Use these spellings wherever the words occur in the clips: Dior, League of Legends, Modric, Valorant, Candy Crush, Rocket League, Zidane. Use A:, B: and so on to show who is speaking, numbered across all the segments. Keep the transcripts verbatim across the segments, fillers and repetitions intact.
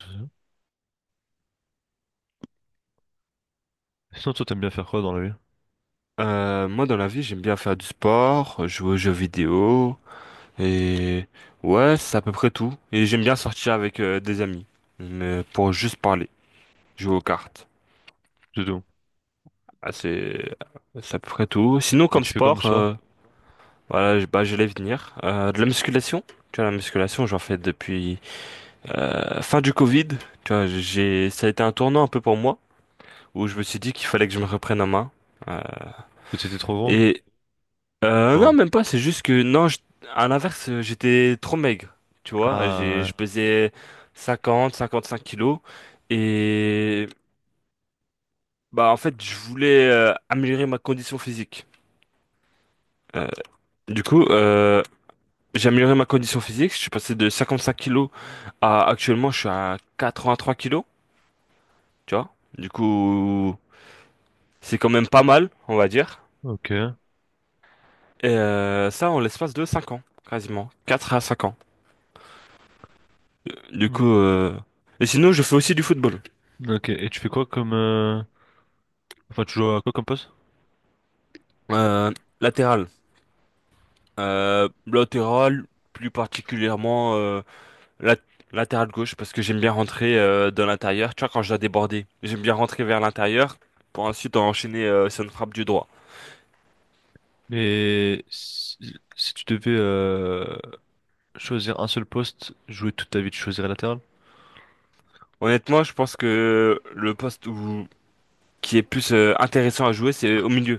A: Sinon, toi, t'aimes bien faire quoi dans la vie?
B: Euh, moi, dans la vie, j'aime bien faire du sport, jouer aux jeux vidéo, et ouais, c'est à peu près tout. Et j'aime bien sortir avec euh, des amis, mais pour juste parler, jouer aux cartes.
A: Du tout.
B: Ah, c'est c'est à peu près tout. Sinon,
A: Et
B: comme
A: tu fais comme
B: sport,
A: sport?
B: euh, voilà, je- bah, j'allais venir. Euh, de la musculation. Tu vois, la musculation, j'en fais depuis euh, fin du Covid. Tu vois, j'ai ça a été un tournant un peu pour moi, où je me suis dit qu'il fallait que je me reprenne en main. Euh,
A: Parce que t'étais trop gros?
B: et Euh, non,
A: Enfin,
B: même pas, c'est juste que, non, je- à l'inverse, euh, j'étais trop maigre. Tu vois, j'ai, je
A: ah,
B: pesais cinquante, cinquante-cinq kilos, et bah en fait, je voulais euh, améliorer ma condition physique. Euh, du coup, euh, j'ai amélioré ma condition physique, je suis passé de cinquante-cinq kilos à, actuellement, je suis à quatre-vingt-trois kilos. Tu vois, du coup, c'est quand même pas mal, on va dire,
A: ouais. Ok.
B: et euh, ça en l'espace de cinq ans, quasiment, quatre à cinq ans. Du
A: Hmm.
B: coup, euh, et sinon, je fais aussi du football.
A: Ok, et tu fais quoi comme... euh, enfin, tu joues à quoi comme poste?
B: Euh, Latéral. Euh, latéral, plus particulièrement euh, lat- latéral gauche, parce que j'aime bien rentrer euh, dans l'intérieur. Tu vois, quand je dois déborder, j'aime bien rentrer vers l'intérieur pour ensuite enchaîner euh, sur une frappe du droit.
A: Et si, si tu devais euh, choisir un seul poste, jouer toute ta vie, tu choisirais latéral?
B: Honnêtement, je pense que le poste où, qui est plus euh, intéressant à jouer, c'est au milieu.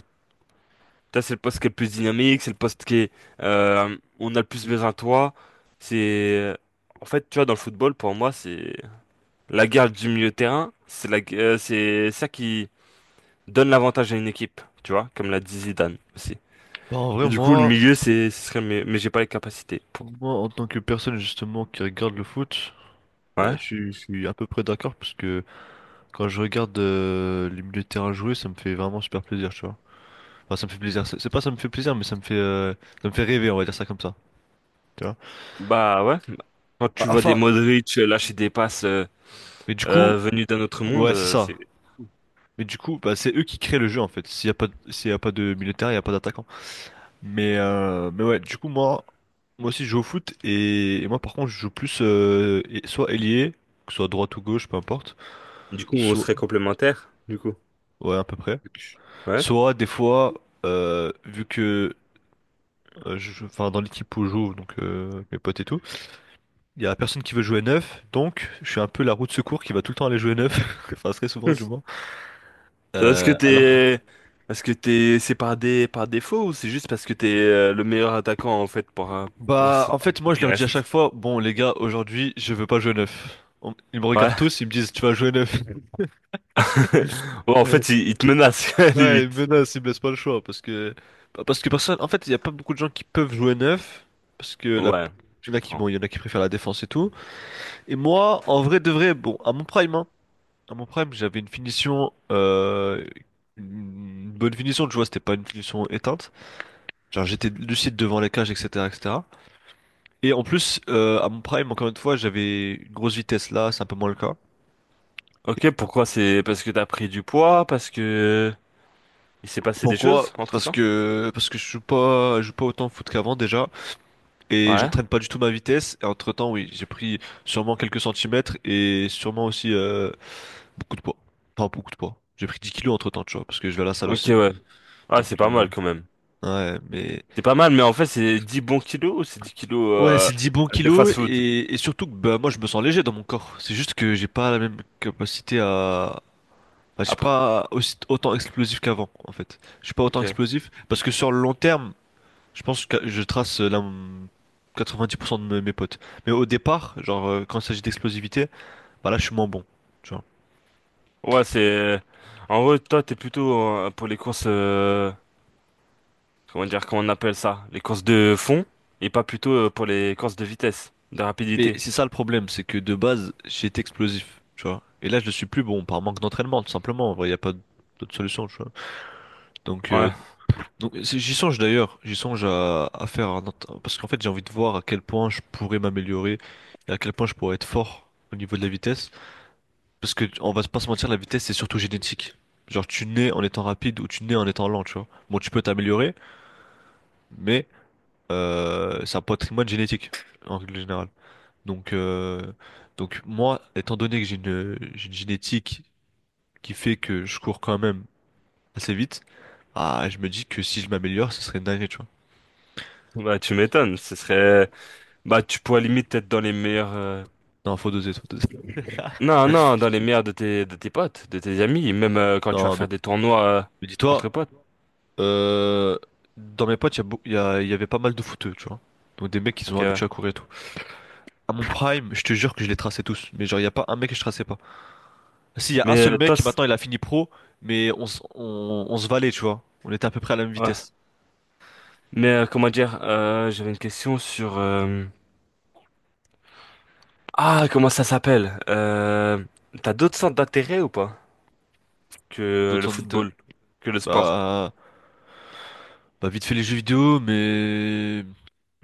B: Ça, c'est le poste qui est le plus dynamique, c'est le poste qui est, euh, où on a le plus besoin de toi. C'est, euh, En fait, tu vois, dans le football, pour moi, c'est la guerre du milieu de terrain. C'est la, gu- euh, c'est ça qui donne l'avantage à une équipe, tu vois, comme l'a dit Zidane aussi.
A: Bah, en
B: Et
A: vrai,
B: du coup, le
A: moi,
B: milieu, c'est, ce serait mieux, mais j'ai pas les capacités pour.
A: moi, en tant que personne justement qui regarde le foot, bah,
B: Ouais.
A: je, suis je suis à peu près d'accord parce que quand je regarde euh, les milieux de terrain jouer, ça me fait vraiment super plaisir, tu vois. Enfin, ça me fait plaisir. C'est c'est pas ça me fait plaisir, mais ça me fait, euh, ça me fait rêver, on va dire ça comme ça. Tu vois?
B: Bah ouais. Quand
A: Ah,
B: tu vois des
A: enfin,
B: Modric euh, lâcher des passes euh,
A: mais du coup,
B: euh, venues d'un autre monde,
A: ouais, c'est
B: euh,
A: ça.
B: c'est.
A: Mais du coup, bah, c'est eux qui créent le jeu en fait. S'il y a pas, de- s'il y a pas de militaire, il y a pas d'attaquant. Mais, euh, mais ouais, du coup, moi, moi aussi, je joue au foot et, et moi, par contre, je joue plus euh, et- soit ailier, que ce soit droite ou gauche, peu importe.
B: Du coup, on
A: Soit,
B: serait complémentaires, du coup.
A: ouais, à peu près.
B: Ouais.
A: Soit des fois, euh, vu que, euh, je, je- enfin, dans l'équipe où je joue, donc euh, mes potes et tout. Il y a personne qui veut jouer neuf, donc je suis un peu la roue de secours qui va tout le temps aller jouer neuf, enfin très souvent
B: Hmm.
A: du moins.
B: Est-ce que
A: Euh, alors,
B: t'es, est-ce que t'es, c'est par des, par défaut ou c'est juste parce que t'es euh, le meilleur attaquant en fait pour euh, pour
A: bah
B: ce
A: en fait moi je
B: qui
A: leur dis à chaque
B: reste?
A: fois, bon les gars aujourd'hui je veux pas jouer neuf. On- Ils me regardent
B: Ouais.
A: tous, ils me disent tu vas jouer neuf.
B: Ouais, en fait, il, il te menace
A: Ouais, ils me
B: limite.
A: menacent, ils me laissent pas le choix parce que bah, parce que personne, en fait il y a pas beaucoup de gens qui peuvent jouer neuf parce que la...
B: Ouais, je
A: Il y en a qui
B: comprends.
A: bon il y en a qui préfèrent la défense et tout. Et moi en vrai de vrai bon à mon prime hein, à mon prime j'avais une finition euh... Une bonne finition de vois c'était pas une finition éteinte. Genre j'étais lucide devant les cages, et cetera, et cetera. Et cetera. Et en plus, euh, à mon prime, encore une fois, j'avais une grosse vitesse là, c'est un peu moins le cas.
B: Ok, pourquoi c'est parce que t'as pris du poids, parce que il s'est passé des
A: Pourquoi?
B: choses
A: Parce
B: entre-temps?
A: que parce que je joue pas, je joue pas autant au foot qu'avant déjà, et je
B: Ouais.
A: traîne pas du tout ma vitesse. Et entre-temps, oui, j'ai pris sûrement quelques centimètres et sûrement aussi euh, beaucoup de poids. Enfin, beaucoup de poids. J'ai pris dix kilos entre-temps, tu vois, parce que je vais à la salle
B: Ok,
A: aussi.
B: ouais. Ah,
A: Donc,
B: c'est pas
A: euh,
B: mal quand même.
A: ouais, mais...
B: C'est pas mal, mais en fait, c'est dix bons kilos ou c'est dix kilos
A: Ouais,
B: euh,
A: c'est dix bons
B: de
A: kilos,
B: fast-food?
A: et, et surtout que bah, moi, je me sens léger dans mon corps. C'est juste que j'ai pas la même capacité à, bah, je suis
B: Après.
A: pas aussi, autant explosif qu'avant, en fait. Je suis pas autant
B: Ok.
A: explosif parce que sur le long terme, je pense que je trace euh, la, quatre-vingt-dix pour cent de me- mes potes. Mais au départ, genre, euh, quand il s'agit d'explosivité, bah là, je suis moins bon, tu vois.
B: Ouais, c'est. En gros, toi, t'es plutôt euh, pour les courses. euh, Comment dire, comment on appelle ça? Les courses de fond et pas plutôt euh, pour les courses de vitesse, de
A: Et
B: rapidité.
A: c'est ça le problème, c'est que de base, j'étais explosif, tu vois. Et là, je ne suis plus bon par manque d'entraînement, tout simplement. En vrai, il n'y a pas d'autre solution, tu vois. Donc, euh,
B: Ouais.
A: donc c'est- j'y songe d'ailleurs, j'y songe à, à faire un ent- parce qu'en fait, j'ai envie de voir à quel point je pourrais m'améliorer et à quel point je pourrais être fort au niveau de la vitesse. Parce que, on va pas se mentir, la vitesse, c'est surtout génétique. Genre, tu nais en étant rapide ou tu nais en étant lent, tu vois. Bon, tu peux t'améliorer, mais euh, c'est un patrimoine génétique, en règle générale. Donc, euh, donc moi, étant donné que j'ai une, j'ai une génétique qui fait que je cours quand même assez vite, ah, je me dis que si je m'améliore, ce serait une dinguerie, tu vois.
B: Bah, tu m'étonnes. Ce serait. Bah, tu pourrais limite être dans les meilleurs. euh,
A: Non, faut doser, faut doser.
B: Non, non, dans les mers de tes, de tes potes, de tes amis, même euh, quand tu vas
A: Non, mais,
B: faire des tournois euh,
A: mais
B: entre
A: dis-toi,
B: potes.
A: euh, dans mes potes, il y, a beau- il y a- il y avait pas mal de footeux, tu vois. Donc, des mecs qui sont
B: Ok, ouais.
A: habitués à courir et tout. À mon prime, je te jure que je les traçais tous. Mais genre, il y a pas un mec que je traçais pas. Si, il y a un
B: Mais
A: seul
B: euh,
A: mec
B: toi,
A: qui
B: c'est-
A: maintenant il a fini pro, mais on, s- on, on se valait, tu vois. On était à peu près à la même
B: ouais.
A: vitesse.
B: Mais euh, comment dire, euh, j'avais une question sur... euh, Ah, comment ça s'appelle? Euh... T'as d'autres centres d'intérêt ou pas que le
A: D'autant de-
B: football, que le sport?
A: Bah, bah, vite fait les jeux vidéo, mais.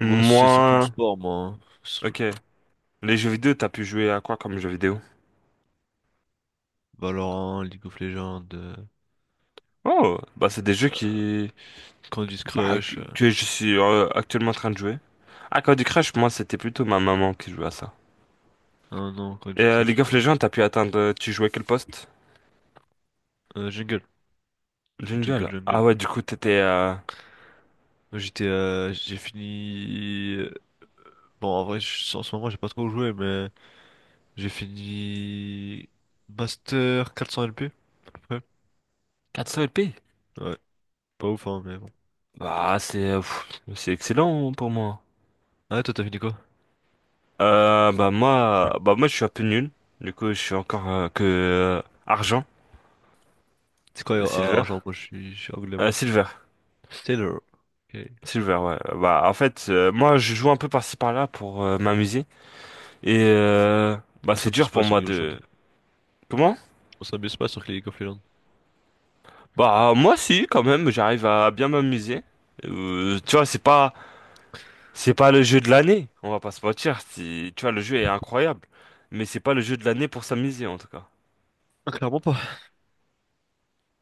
A: Ouais, c'est surtout le sport, moi. Hein. C'est surtout le
B: Ok.
A: sport.
B: Les jeux vidéo, t'as pu jouer à quoi comme jeux vidéo?
A: Valorant, League of Legends, euh,
B: Oh, bah c'est des jeux qui...
A: Candy
B: bah, que
A: Crush. euh,
B: que je suis euh, actuellement en train de jouer. Ah, Candy Crush, moi, c'était plutôt ma maman qui jouait à ça.
A: Ah non,
B: Et
A: Candy
B: euh, League
A: Crush, ça.
B: of Legends, t'as pu atteindre. euh, Tu jouais quel poste?
A: Euh, Jungle. Jungle,
B: Jungle.
A: Jungle.
B: Ah ouais, du coup, t'étais euh,
A: Moi, J'étais. Euh, j'ai fini. Euh, Bon, en vrai, je- en ce moment, j'ai pas trop joué, mais. J'ai fini Master quatre cents L P, à peu
B: quatre cents p.
A: près. Ouais, pas ouf, hein, mais bon.
B: Bah, c'est euh, pff, c'est excellent pour moi.
A: Ah, ouais, toi, t'as fini quoi?
B: Euh, bah moi, bah moi, je suis un peu nul. Du coup, je suis encore euh, que euh, argent.
A: C'est quoi
B: Euh,
A: euh,
B: silver,
A: argent? Moi, je suis, je suis anglais, moi.
B: Euh, silver,
A: Taylor. Ok.
B: silver. Ouais. Bah en fait, euh, moi, je joue un peu par-ci par-là pour euh, m'amuser. Et euh, bah
A: On
B: c'est
A: s'amuse
B: dur
A: pas
B: pour
A: sur
B: moi
A: League of Legends.
B: de. Comment?
A: On s'amuse pas sur League of Legends.
B: Bah moi, si, quand même, j'arrive à bien m'amuser. Euh, tu vois, c'est pas C'est pas le jeu de l'année, on va pas se mentir. c'est- Tu vois, le jeu est incroyable, mais c'est pas le jeu de l'année pour s'amuser en tout cas.
A: Ah, clairement pas.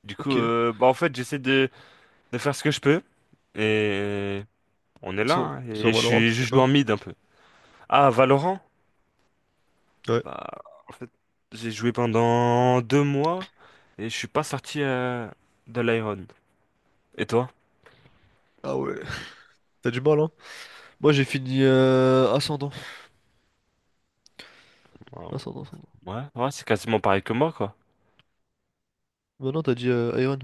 B: Du coup,
A: Ok.
B: euh, bah en fait, j'essaie de, de faire ce que je peux et on est là.
A: Sur,
B: hein, et je
A: sur Valorant,
B: suis,
A: t'as
B: je
A: fini
B: joue
A: quoi?
B: en mid un peu. Ah, Valorant?
A: Ouais.
B: Bah, en fait, j'ai joué pendant deux mois et je suis pas sorti euh, de l'Iron. Et toi?
A: Ah ouais. T'as du mal, hein? Moi, j'ai fini euh, Ascendant.
B: Euh,
A: Ascendant, Ascendant.
B: Ouais, ouais, c'est quasiment pareil que moi quoi.
A: Maintenant, t'as dit euh, Iron.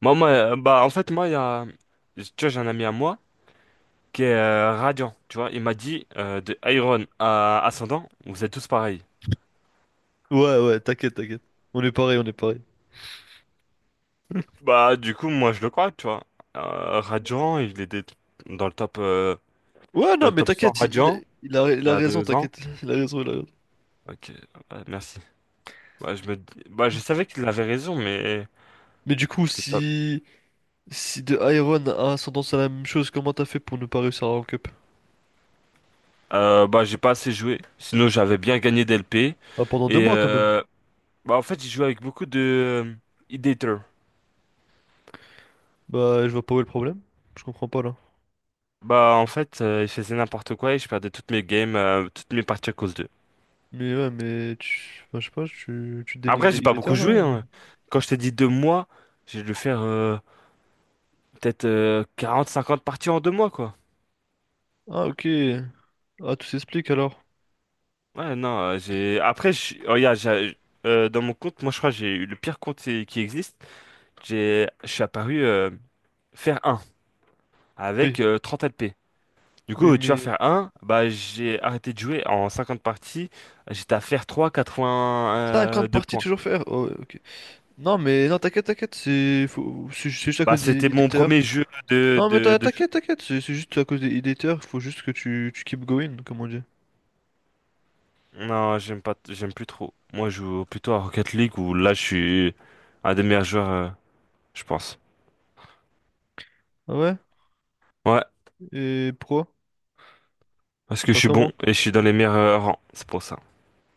B: Moi, moi, euh, bah en fait, moi, il y a, tu vois, j'ai un ami à moi. Qui est euh, radiant, tu vois. Il m'a dit euh, de Iron à Ascendant, vous êtes tous pareils.
A: Ouais, ouais, t'inquiète, t'inquiète. On est pareil, on est pareil.
B: Bah du coup moi je le crois, tu vois. Euh, radiant, il était dans le top euh,
A: Ouais,
B: dans
A: non,
B: le
A: mais
B: top cent
A: t'inquiète,
B: radiant
A: il, il a, il
B: il y
A: a
B: a
A: raison,
B: deux ans.
A: t'inquiète. Il a raison, il a raison.
B: Ok, bah, merci. Bah je me dis- bah je savais qu'il avait raison, mais
A: Mais du coup,
B: c'est pas.
A: si. Si de Iron a ascendance à la même chose, comment t'as fait pour ne pas réussir à rank up?
B: Euh, bah j'ai pas assez joué. Sinon j'avais bien gagné d'L P
A: Bah, pendant deux
B: et
A: mois quand même.
B: euh, bah en fait j'ai joué avec beaucoup de euh, Ideator.
A: Bah, je vois pas où est le problème. Je comprends pas là.
B: Bah en fait euh, il faisait n'importe quoi et je perdais toutes mes games, euh, toutes mes parties à cause d'eux.
A: Mais ouais, mais tu. Enfin, je sais pas, tu, tu dénigres
B: Après,
A: les
B: j'ai pas
A: Idéter
B: beaucoup
A: là?
B: joué.
A: Ou-
B: hein. Quand je t'ai dit deux mois, j'ai dû faire euh, peut-être euh, quarante cinquante parties en deux mois, quoi.
A: Ah, ok. Ah, tout s'explique alors.
B: Ouais, non, euh, j'ai. Après, je... oh, regarde, j'ai- euh, dans mon compte, moi, je crois que j'ai eu le pire compte qui qui existe. J'ai, je suis apparu euh, faire un
A: Oui,
B: avec euh, trente p Du
A: oui,
B: coup, tu vas
A: mais.
B: faire un bah, j'ai arrêté de jouer en cinquante parties. J'étais à faire trois quatre-vingt
A: cinquante
B: deux
A: parties
B: points.
A: toujours faire? Oh, ouais, ok. Non, mais non, t'inquiète, t'inquiète, c'est. Faut- C'est c'est juste à
B: Bah,
A: cause des
B: c'était mon
A: Idéter.
B: premier jeu de,
A: Non, mais
B: de,
A: t'in-
B: de
A: t'inquiète, t'inquiète, c'est c'est juste à cause des Idéter, faut juste que tu, tu keep going, comme on dit.
B: Non, j'aime pas, t- j'aime plus trop. Moi, je joue plutôt à Rocket League où là, je suis un des meilleurs joueurs, euh, je pense.
A: Ah ouais?
B: Ouais,
A: Et pourquoi?
B: parce que je
A: Enfin,
B: suis bon
A: comment?
B: et je suis dans les meilleurs euh, rangs, c'est pour ça.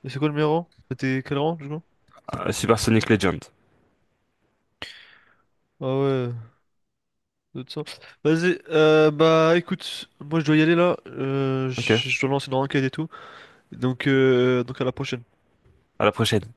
A: Et c'est quoi le meilleur rang? C'était quel rang, du coup?
B: Euh, Super Sonic Legend.
A: Ah ouais, de toute vas-y, euh, bah écoute, moi je dois y aller là, euh, je
B: Ok,
A: je dois lancer dans l'enquête et tout. Donc, euh, donc à la prochaine.
B: à la prochaine.